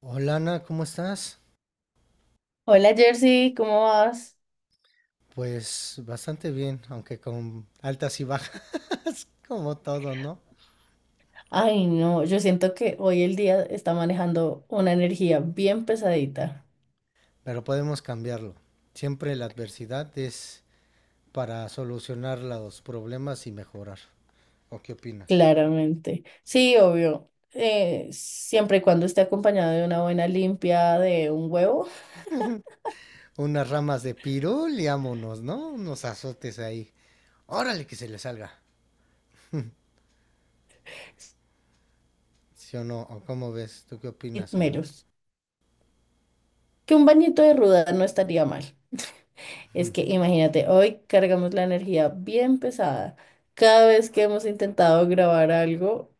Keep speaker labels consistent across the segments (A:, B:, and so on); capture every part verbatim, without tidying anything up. A: Hola Ana, ¿cómo estás?
B: Hola Jersey, ¿cómo vas?
A: Pues bastante bien, aunque con altas y bajas, como todo, ¿no?
B: Ay, no, yo siento que hoy el día está manejando una energía bien pesadita,
A: Pero podemos cambiarlo. Siempre la adversidad es para solucionar los problemas y mejorar. ¿O qué opinas?
B: claramente. Sí, obvio. Eh, siempre y cuando esté acompañado de una buena limpia de un huevo,
A: Unas ramas de pirul y ámonos, ¿no? Unos azotes ahí. Órale que se le salga. ¿Sí o no? ¿O cómo ves? ¿Tú qué
B: y
A: opinas, Ana?
B: meros. Que un bañito de ruda no estaría mal. Es que imagínate, hoy cargamos la energía bien pesada. Cada vez que hemos intentado grabar algo,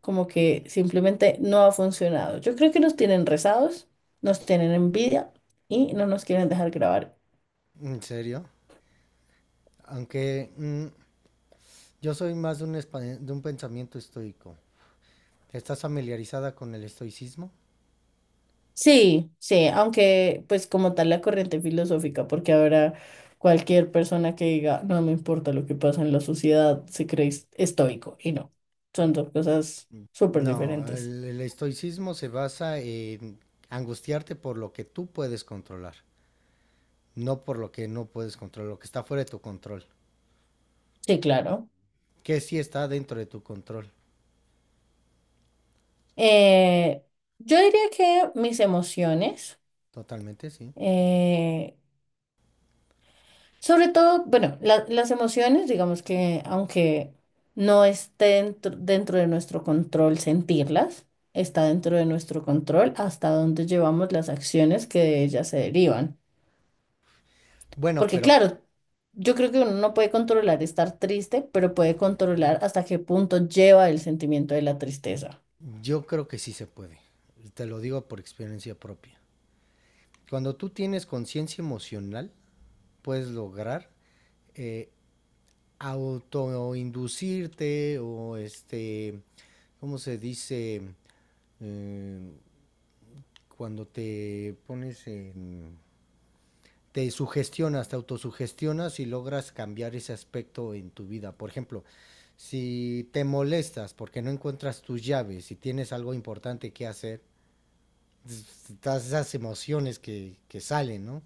B: como que simplemente no ha funcionado. Yo creo que nos tienen rezados, nos tienen envidia y no nos quieren dejar grabar.
A: ¿En serio? Aunque mm, yo soy más de un, espa- de un pensamiento estoico. ¿Estás familiarizada con el estoicismo?
B: Sí, sí, aunque pues como tal la corriente filosófica, porque ahora cualquier persona que diga, no me importa lo que pasa en la sociedad, se cree es- estoico y no, son dos cosas
A: Mm,
B: súper
A: No,
B: diferentes.
A: el, el estoicismo se basa en angustiarte por lo que tú puedes controlar, no por lo que no puedes controlar, lo que está fuera de tu control,
B: Sí, claro.
A: que sí está dentro de tu control,
B: Eh, yo diría que mis emociones.
A: totalmente, sí.
B: eh, Sobre todo, bueno, la- las emociones, digamos que aunque no esté dentro, dentro de nuestro control sentirlas, está dentro de nuestro control hasta dónde llevamos las acciones que de ellas se derivan.
A: Bueno,
B: Porque
A: pero
B: claro, yo creo que uno no puede controlar estar triste, pero puede controlar hasta qué punto lleva el sentimiento de la tristeza.
A: yo creo que sí se puede, y te lo digo por experiencia propia. Cuando tú tienes conciencia emocional, puedes lograr eh, autoinducirte o este, ¿cómo se dice? Eh, cuando te pones en te sugestionas, te autosugestionas y logras cambiar ese aspecto en tu vida. Por ejemplo, si te molestas porque no encuentras tus llaves y tienes algo importante que hacer, todas esas emociones que, que salen, ¿no?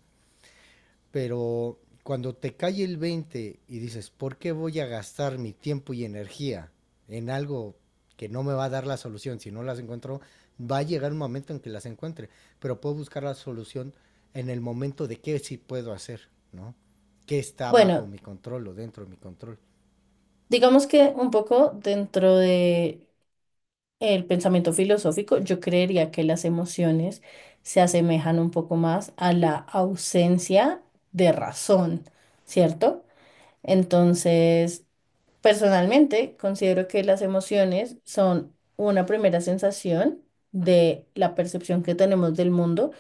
A: Pero cuando te cae el veinte y dices, ¿por qué voy a gastar mi tiempo y energía en algo que no me va a dar la solución? Si no las encuentro, va a llegar un momento en que las encuentre, pero puedo buscar la solución en el momento de qué sí puedo hacer, ¿no? ¿Qué está bajo
B: Bueno,
A: mi control o dentro de mi control?
B: digamos que un poco dentro de el pensamiento filosófico, yo creería que las emociones se asemejan un poco más a la ausencia de razón, ¿cierto? Entonces, personalmente considero que las emociones son una primera sensación de la percepción que tenemos del mundo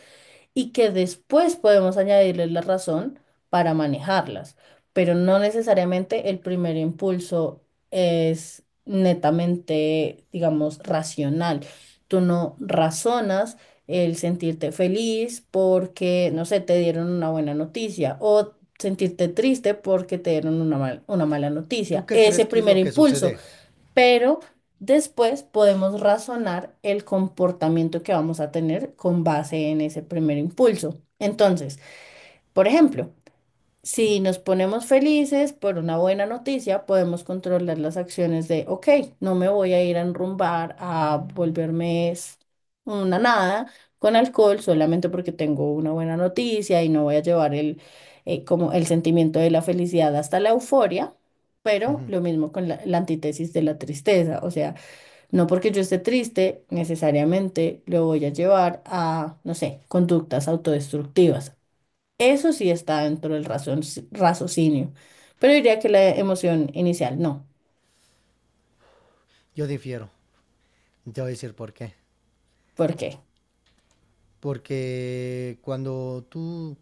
B: y que después podemos añadirles la razón para manejarlas, pero no necesariamente el primer impulso es netamente, digamos, racional. Tú no razonas el sentirte feliz porque, no sé, te dieron una buena noticia o sentirte triste porque te dieron una mal- una mala
A: ¿Tú
B: noticia.
A: qué crees
B: Ese
A: que es
B: primer
A: lo que
B: impulso,
A: sucede?
B: pero después podemos razonar el comportamiento que vamos a tener con base en ese primer impulso. Entonces, por ejemplo, si nos ponemos felices por una buena noticia, podemos controlar las acciones de, ok, no me voy a ir a enrumbar, a volverme s- una nada con alcohol solamente porque tengo una buena noticia y no voy a llevar el, eh, como el sentimiento de la felicidad hasta la euforia, pero
A: Ujú.
B: lo mismo con la, la antítesis de la tristeza, o sea, no porque yo esté triste, necesariamente lo voy a llevar a, no sé, conductas autodestructivas. Eso sí está dentro del razon- raciocinio, pero diría que la emoción inicial no.
A: Yo difiero. Te voy a decir por qué.
B: ¿Por qué?
A: Porque cuando tú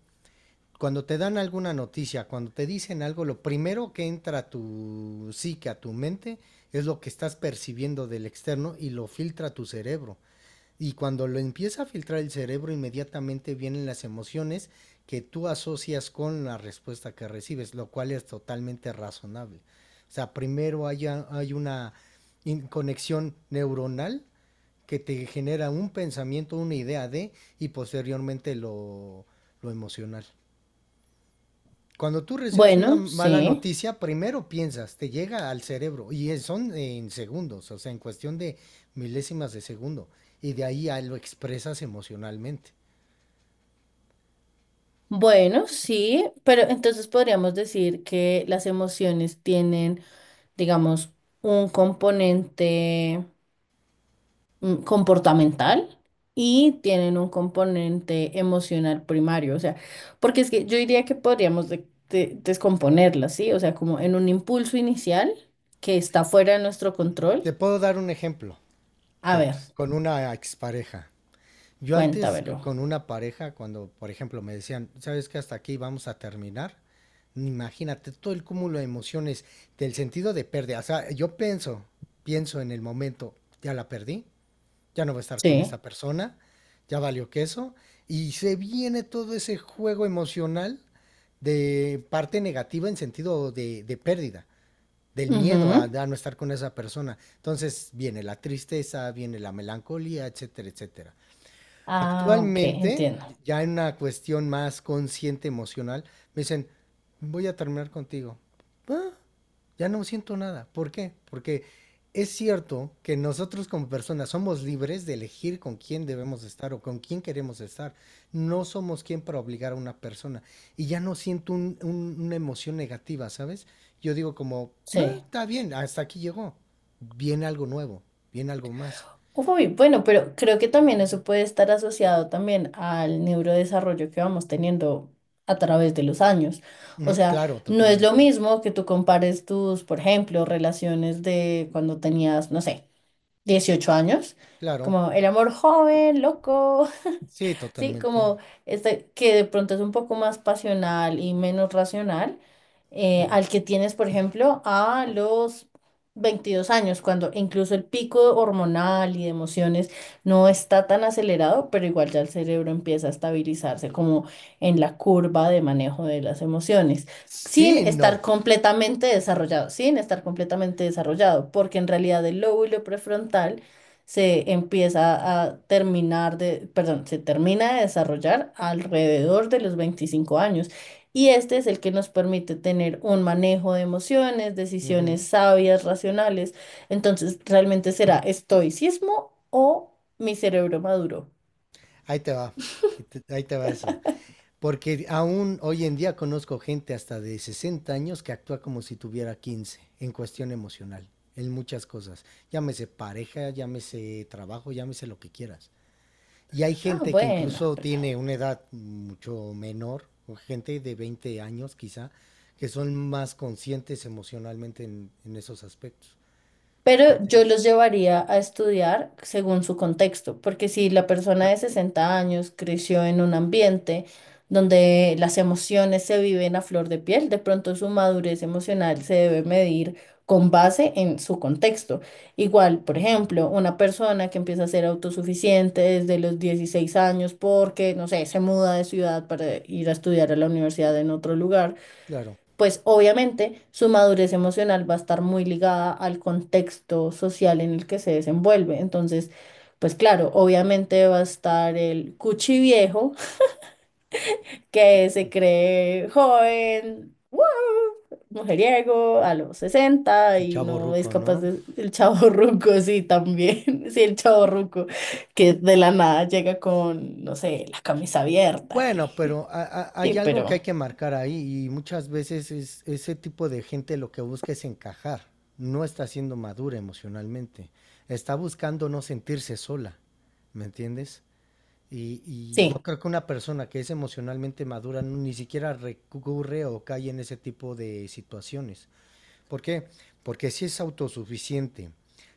A: cuando te dan alguna noticia, cuando te dicen algo, lo primero que entra a tu psique, a tu mente, es lo que estás percibiendo del externo y lo filtra tu cerebro. Y cuando lo empieza a filtrar el cerebro, inmediatamente vienen las emociones que tú asocias con la respuesta que recibes, lo cual es totalmente razonable. O sea, primero hay, a- hay una in- conexión neuronal que te genera un pensamiento, una idea de, y posteriormente lo, lo emocional. Cuando tú recibes una
B: Bueno,
A: mala
B: sí.
A: noticia, primero piensas, te llega al cerebro y es- son en segundos, o sea, en cuestión de milésimas de segundo, y de ahí ya lo expresas emocionalmente.
B: Bueno, sí, pero entonces podríamos decir que las emociones tienen, digamos, un componente mm, comportamental y tienen un componente emocional primario, o sea, porque es que yo diría que podríamos de- de- descomponerlas, ¿sí? O sea, como en un impulso inicial que está fuera de nuestro control.
A: Te puedo dar un ejemplo
B: A
A: de,
B: ver.
A: con una expareja. Yo antes co-
B: Cuéntamelo.
A: con una pareja, cuando por ejemplo me decían, ¿sabes que hasta aquí vamos a terminar? Imagínate todo el cúmulo de emociones, del sentido de pérdida. O sea, yo pienso, pienso en el momento, ya la perdí, ya no va a estar con
B: Sí.
A: esta persona, ya valió queso, y se viene todo ese juego emocional de parte negativa en sentido de, de pérdida, del miedo a, a
B: Ujú.
A: no estar con esa persona. Entonces viene la tristeza, viene la melancolía, etcétera, etcétera.
B: Ah, ok,
A: Actualmente,
B: entiendo.
A: ya en una cuestión más consciente emocional, me dicen, voy a terminar contigo. Ah, ya no siento nada. ¿Por qué? Porque es cierto que nosotros como personas somos libres de elegir con quién debemos estar o con quién queremos estar. No somos quien para obligar a una persona. Y ya no siento un- un- una emoción negativa, ¿sabes? Yo digo como, "Ah,
B: Sí.
A: está bien, hasta aquí llegó. Viene algo nuevo, viene algo más."
B: Uy, bueno, pero creo que también eso puede estar asociado también al neurodesarrollo que vamos teniendo a través de los años. O
A: Mm,
B: sea,
A: claro,
B: no es lo
A: totalmente.
B: mismo que tú compares tus, por ejemplo, relaciones de cuando tenías, no sé, dieciocho años,
A: Claro.
B: como el amor joven, loco,
A: Sí,
B: sí,
A: totalmente.
B: como este que de pronto es un poco más pasional y menos racional, eh,
A: Ujú.
B: al que tienes, por ejemplo, a los veintidós años, cuando incluso el pico hormonal y de emociones no está tan acelerado, pero igual ya el cerebro empieza a estabilizarse como en la curva de manejo de las emociones. Sin
A: Sí, no.
B: estar completamente desarrollado, sin estar completamente desarrollado, porque en realidad el lóbulo prefrontal se empieza a terminar de, perdón, se termina de desarrollar alrededor de los veinticinco años. Y este es el que nos permite tener un manejo de emociones, decisiones
A: Ujú.
B: sabias, racionales. Entonces, ¿realmente será estoicismo o mi cerebro maduro?
A: Ahí te va. y te- Ahí te va eso. Porque aún hoy en día conozco gente hasta de sesenta años que actúa como si tuviera quince en cuestión emocional, en muchas cosas. Llámese pareja, llámese trabajo, llámese lo que quieras. Y hay
B: Ah,
A: gente que
B: bueno,
A: incluso
B: pues,
A: tiene una edad mucho menor, o gente de veinte años quizá, que son más conscientes emocionalmente en, en esos aspectos.
B: pero yo
A: Entonces,
B: los llevaría a estudiar según su contexto, porque si la persona de sesenta años creció en un ambiente donde las emociones se viven a flor de piel, de pronto su madurez emocional se debe medir con base en su contexto. Igual, por ejemplo, una persona que empieza a ser autosuficiente desde los dieciséis años porque, no sé, se muda de ciudad para ir a estudiar a la universidad en otro lugar,
A: claro,
B: pues obviamente su madurez emocional va a estar muy ligada al contexto social en el que se desenvuelve. Entonces, pues claro, obviamente va a estar el cuchi viejo que se cree joven, ¡guau! Mujeriego a los sesenta
A: el
B: y
A: chavo
B: no es
A: ruco,
B: capaz
A: ¿no?
B: de... El chavo ruco, sí, también. Sí, el chavo ruco que de la nada llega con, no sé, la camisa abierta y...
A: Bueno, pero ha- ha-
B: Sí,
A: hay algo que hay
B: pero
A: que marcar ahí y muchas veces es, ese tipo de gente lo que busca es encajar, no está siendo madura emocionalmente, está buscando no sentirse sola, ¿me entiendes? Y, y yo
B: sí.
A: creo que una persona que es emocionalmente madura ni siquiera recurre o cae en ese tipo de situaciones. ¿Por qué? Porque si es autosuficiente,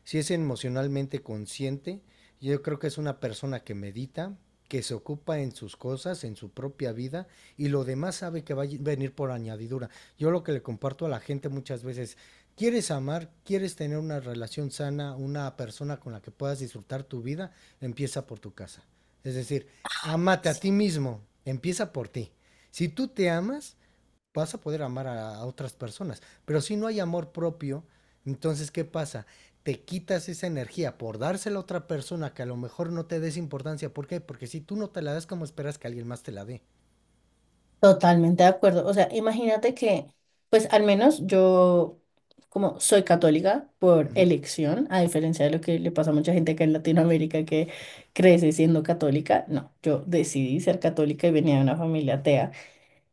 A: si es emocionalmente consciente, yo creo que es una persona que medita, que se ocupa en sus cosas, en su propia vida, y lo demás sabe que va a venir por añadidura. Yo lo que le comparto a la gente muchas veces, ¿quieres amar? ¿Quieres tener una relación sana, una persona con la que puedas disfrutar tu vida? Empieza por tu casa. Es decir, ámate a ti mismo, empieza por ti. Si tú te amas, vas a poder amar a, a otras personas. Pero si no hay amor propio, entonces, ¿qué pasa? Te quitas esa energía por dársela a otra persona que a lo mejor no te des importancia. ¿Por qué? Porque si tú no te la das, ¿cómo esperas que alguien más te la dé?
B: Totalmente de acuerdo. O sea, imagínate que, pues al menos yo, como soy católica por
A: Ujú,
B: elección, a diferencia de lo que le pasa a mucha gente acá en Latinoamérica que crece siendo católica, no, yo decidí ser católica y venía de una familia atea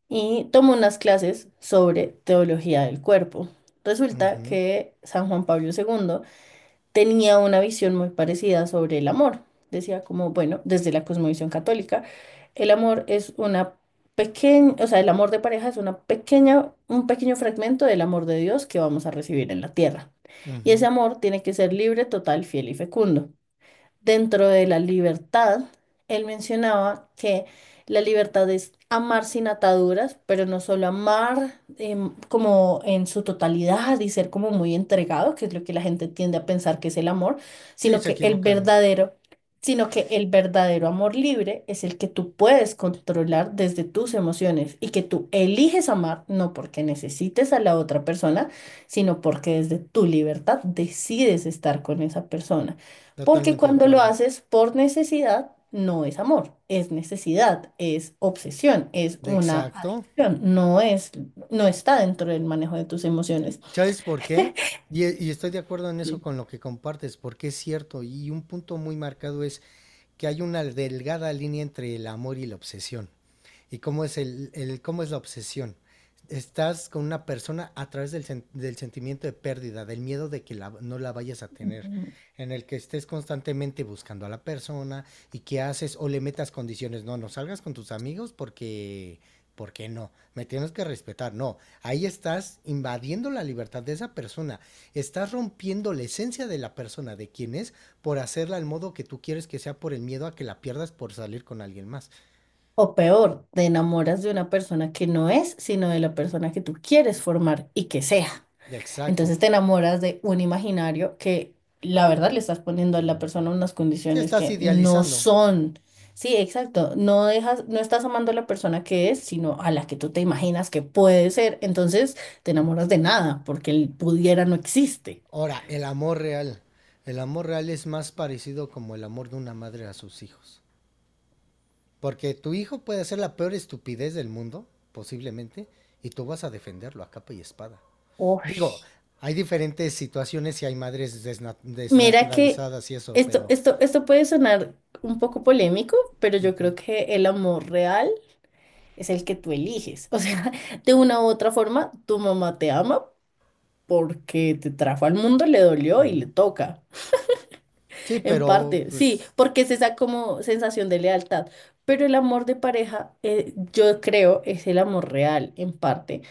B: y tomé unas clases sobre teología del cuerpo. Resulta
A: ujú,
B: que San Juan Pablo segundo tenía una visión muy parecida sobre el amor. Decía como, bueno, desde la cosmovisión católica, el amor es una pequeña, o sea, el amor de pareja es una pequeña, un pequeño fragmento del amor de Dios que vamos a recibir en la tierra. Y ese
A: ujú.
B: amor tiene que ser libre, total, fiel y fecundo. Dentro de la libertad, él mencionaba que la libertad es amar sin ataduras, pero no solo amar em, como en su totalidad y ser como muy entregado, que es lo que la gente tiende a pensar que es el amor,
A: Sí,
B: sino
A: se
B: que el
A: equivocan.
B: verdadero, sino que el verdadero amor libre es el que tú puedes controlar desde tus emociones y que tú eliges amar, no porque necesites a la otra persona, sino porque desde tu libertad decides estar con esa persona. Porque
A: Totalmente de
B: cuando lo
A: acuerdo.
B: haces por necesidad, no es amor, es necesidad, es obsesión, es una
A: Exacto.
B: adicción, no es, no está dentro del manejo de tus emociones.
A: ¿Sabes por qué? Y, y estoy de acuerdo en
B: Sí.
A: eso con lo que compartes, porque es cierto. Y un punto muy marcado es, que hay una delgada línea entre el amor y la obsesión. ¿Y cómo es, el, el- cómo es la obsesión? Estás con una persona a través del, sen- del sentimiento de pérdida, del miedo de que la- no la vayas a tener,
B: Ujú.
A: en el que estés constantemente buscando a la persona y que haces o le metas condiciones. No, no salgas con tus amigos porque, porque no, me tienes que respetar. No, ahí estás invadiendo la libertad de esa persona, estás rompiendo la esencia de la persona, de quien es, por hacerla al modo que tú quieres que sea por el miedo a que la pierdas por salir con alguien más.
B: O peor, te enamoras de una persona que no es, sino de la persona que tú quieres formar y que sea.
A: Exacto.
B: Entonces te enamoras de un imaginario que la verdad le estás poniendo a la persona unas
A: Si
B: condiciones
A: estás
B: que no
A: idealizando.
B: son. Sí, exacto. No dejas, no estás amando a la persona que es, sino a la que tú te imaginas que puede ser. Entonces te enamoras de nada, porque el pudiera no existe.
A: Ahora, el amor real. El amor real es más parecido como el amor de una madre a sus hijos. Porque tu hijo puede hacer la peor estupidez del mundo, posiblemente, y tú vas a defenderlo a capa y espada.
B: Uf,
A: Digo, hay diferentes situaciones y hay madres desna-
B: mira que
A: desnaturalizadas y eso,
B: esto,
A: pero...
B: esto, esto puede sonar un poco polémico, pero yo
A: ujú,
B: creo que el amor real es el que tú eliges. O sea, de una u otra forma, tu mamá te ama porque te trajo al mundo, le dolió y le
A: ujú.
B: toca.
A: Sí,
B: En
A: pero
B: parte, sí,
A: pues
B: porque es esa como sensación de lealtad. Pero el amor de pareja, eh, yo creo, es el amor real, en parte.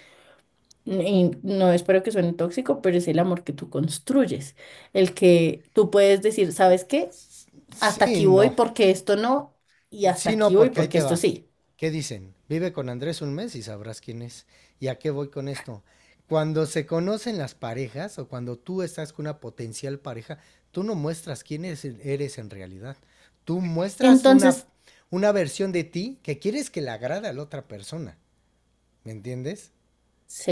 B: Y no espero que suene tóxico, pero es el amor que tú construyes. El que tú puedes decir, ¿sabes qué? Hasta
A: sí,
B: aquí voy
A: no.
B: porque esto no, y hasta
A: Sí, no,
B: aquí voy
A: porque ahí
B: porque
A: te
B: esto
A: va.
B: sí.
A: ¿Qué dicen? Vive con Andrés un mes y sabrás quién es. ¿Y a qué voy con esto? Cuando se conocen las parejas o cuando tú estás con una potencial pareja, tú no muestras quién es- eres en realidad. Tú muestras una,
B: Entonces,
A: una versión de ti que quieres que le agrade a la otra persona. ¿Me entiendes?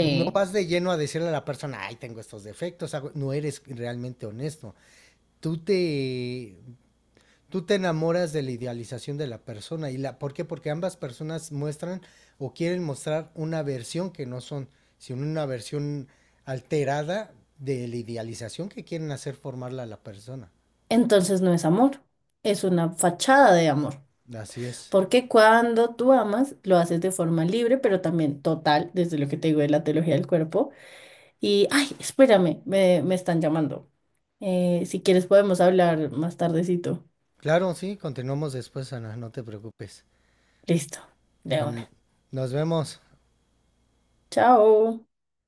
A: No vas de lleno a decirle a la persona, ay, tengo estos defectos, hago-". No eres realmente honesto. Tú te tú te enamoras de la idealización de la persona. ¿Y la, por qué? Porque ambas personas muestran o quieren mostrar una versión que no son, sino una versión alterada de la idealización que quieren hacer formarla a la persona.
B: entonces no es amor, es una fachada de amor.
A: Así es.
B: Porque cuando tú amas, lo haces de forma libre, pero también total, desde lo que te digo de la teología del cuerpo. Y, ay, espérame, me, me están llamando. Eh, si quieres podemos hablar más tardecito.
A: Claro, sí, continuamos después, Ana, no te preocupes.
B: Listo, de
A: Bueno,
B: una.
A: nos vemos.
B: Chao.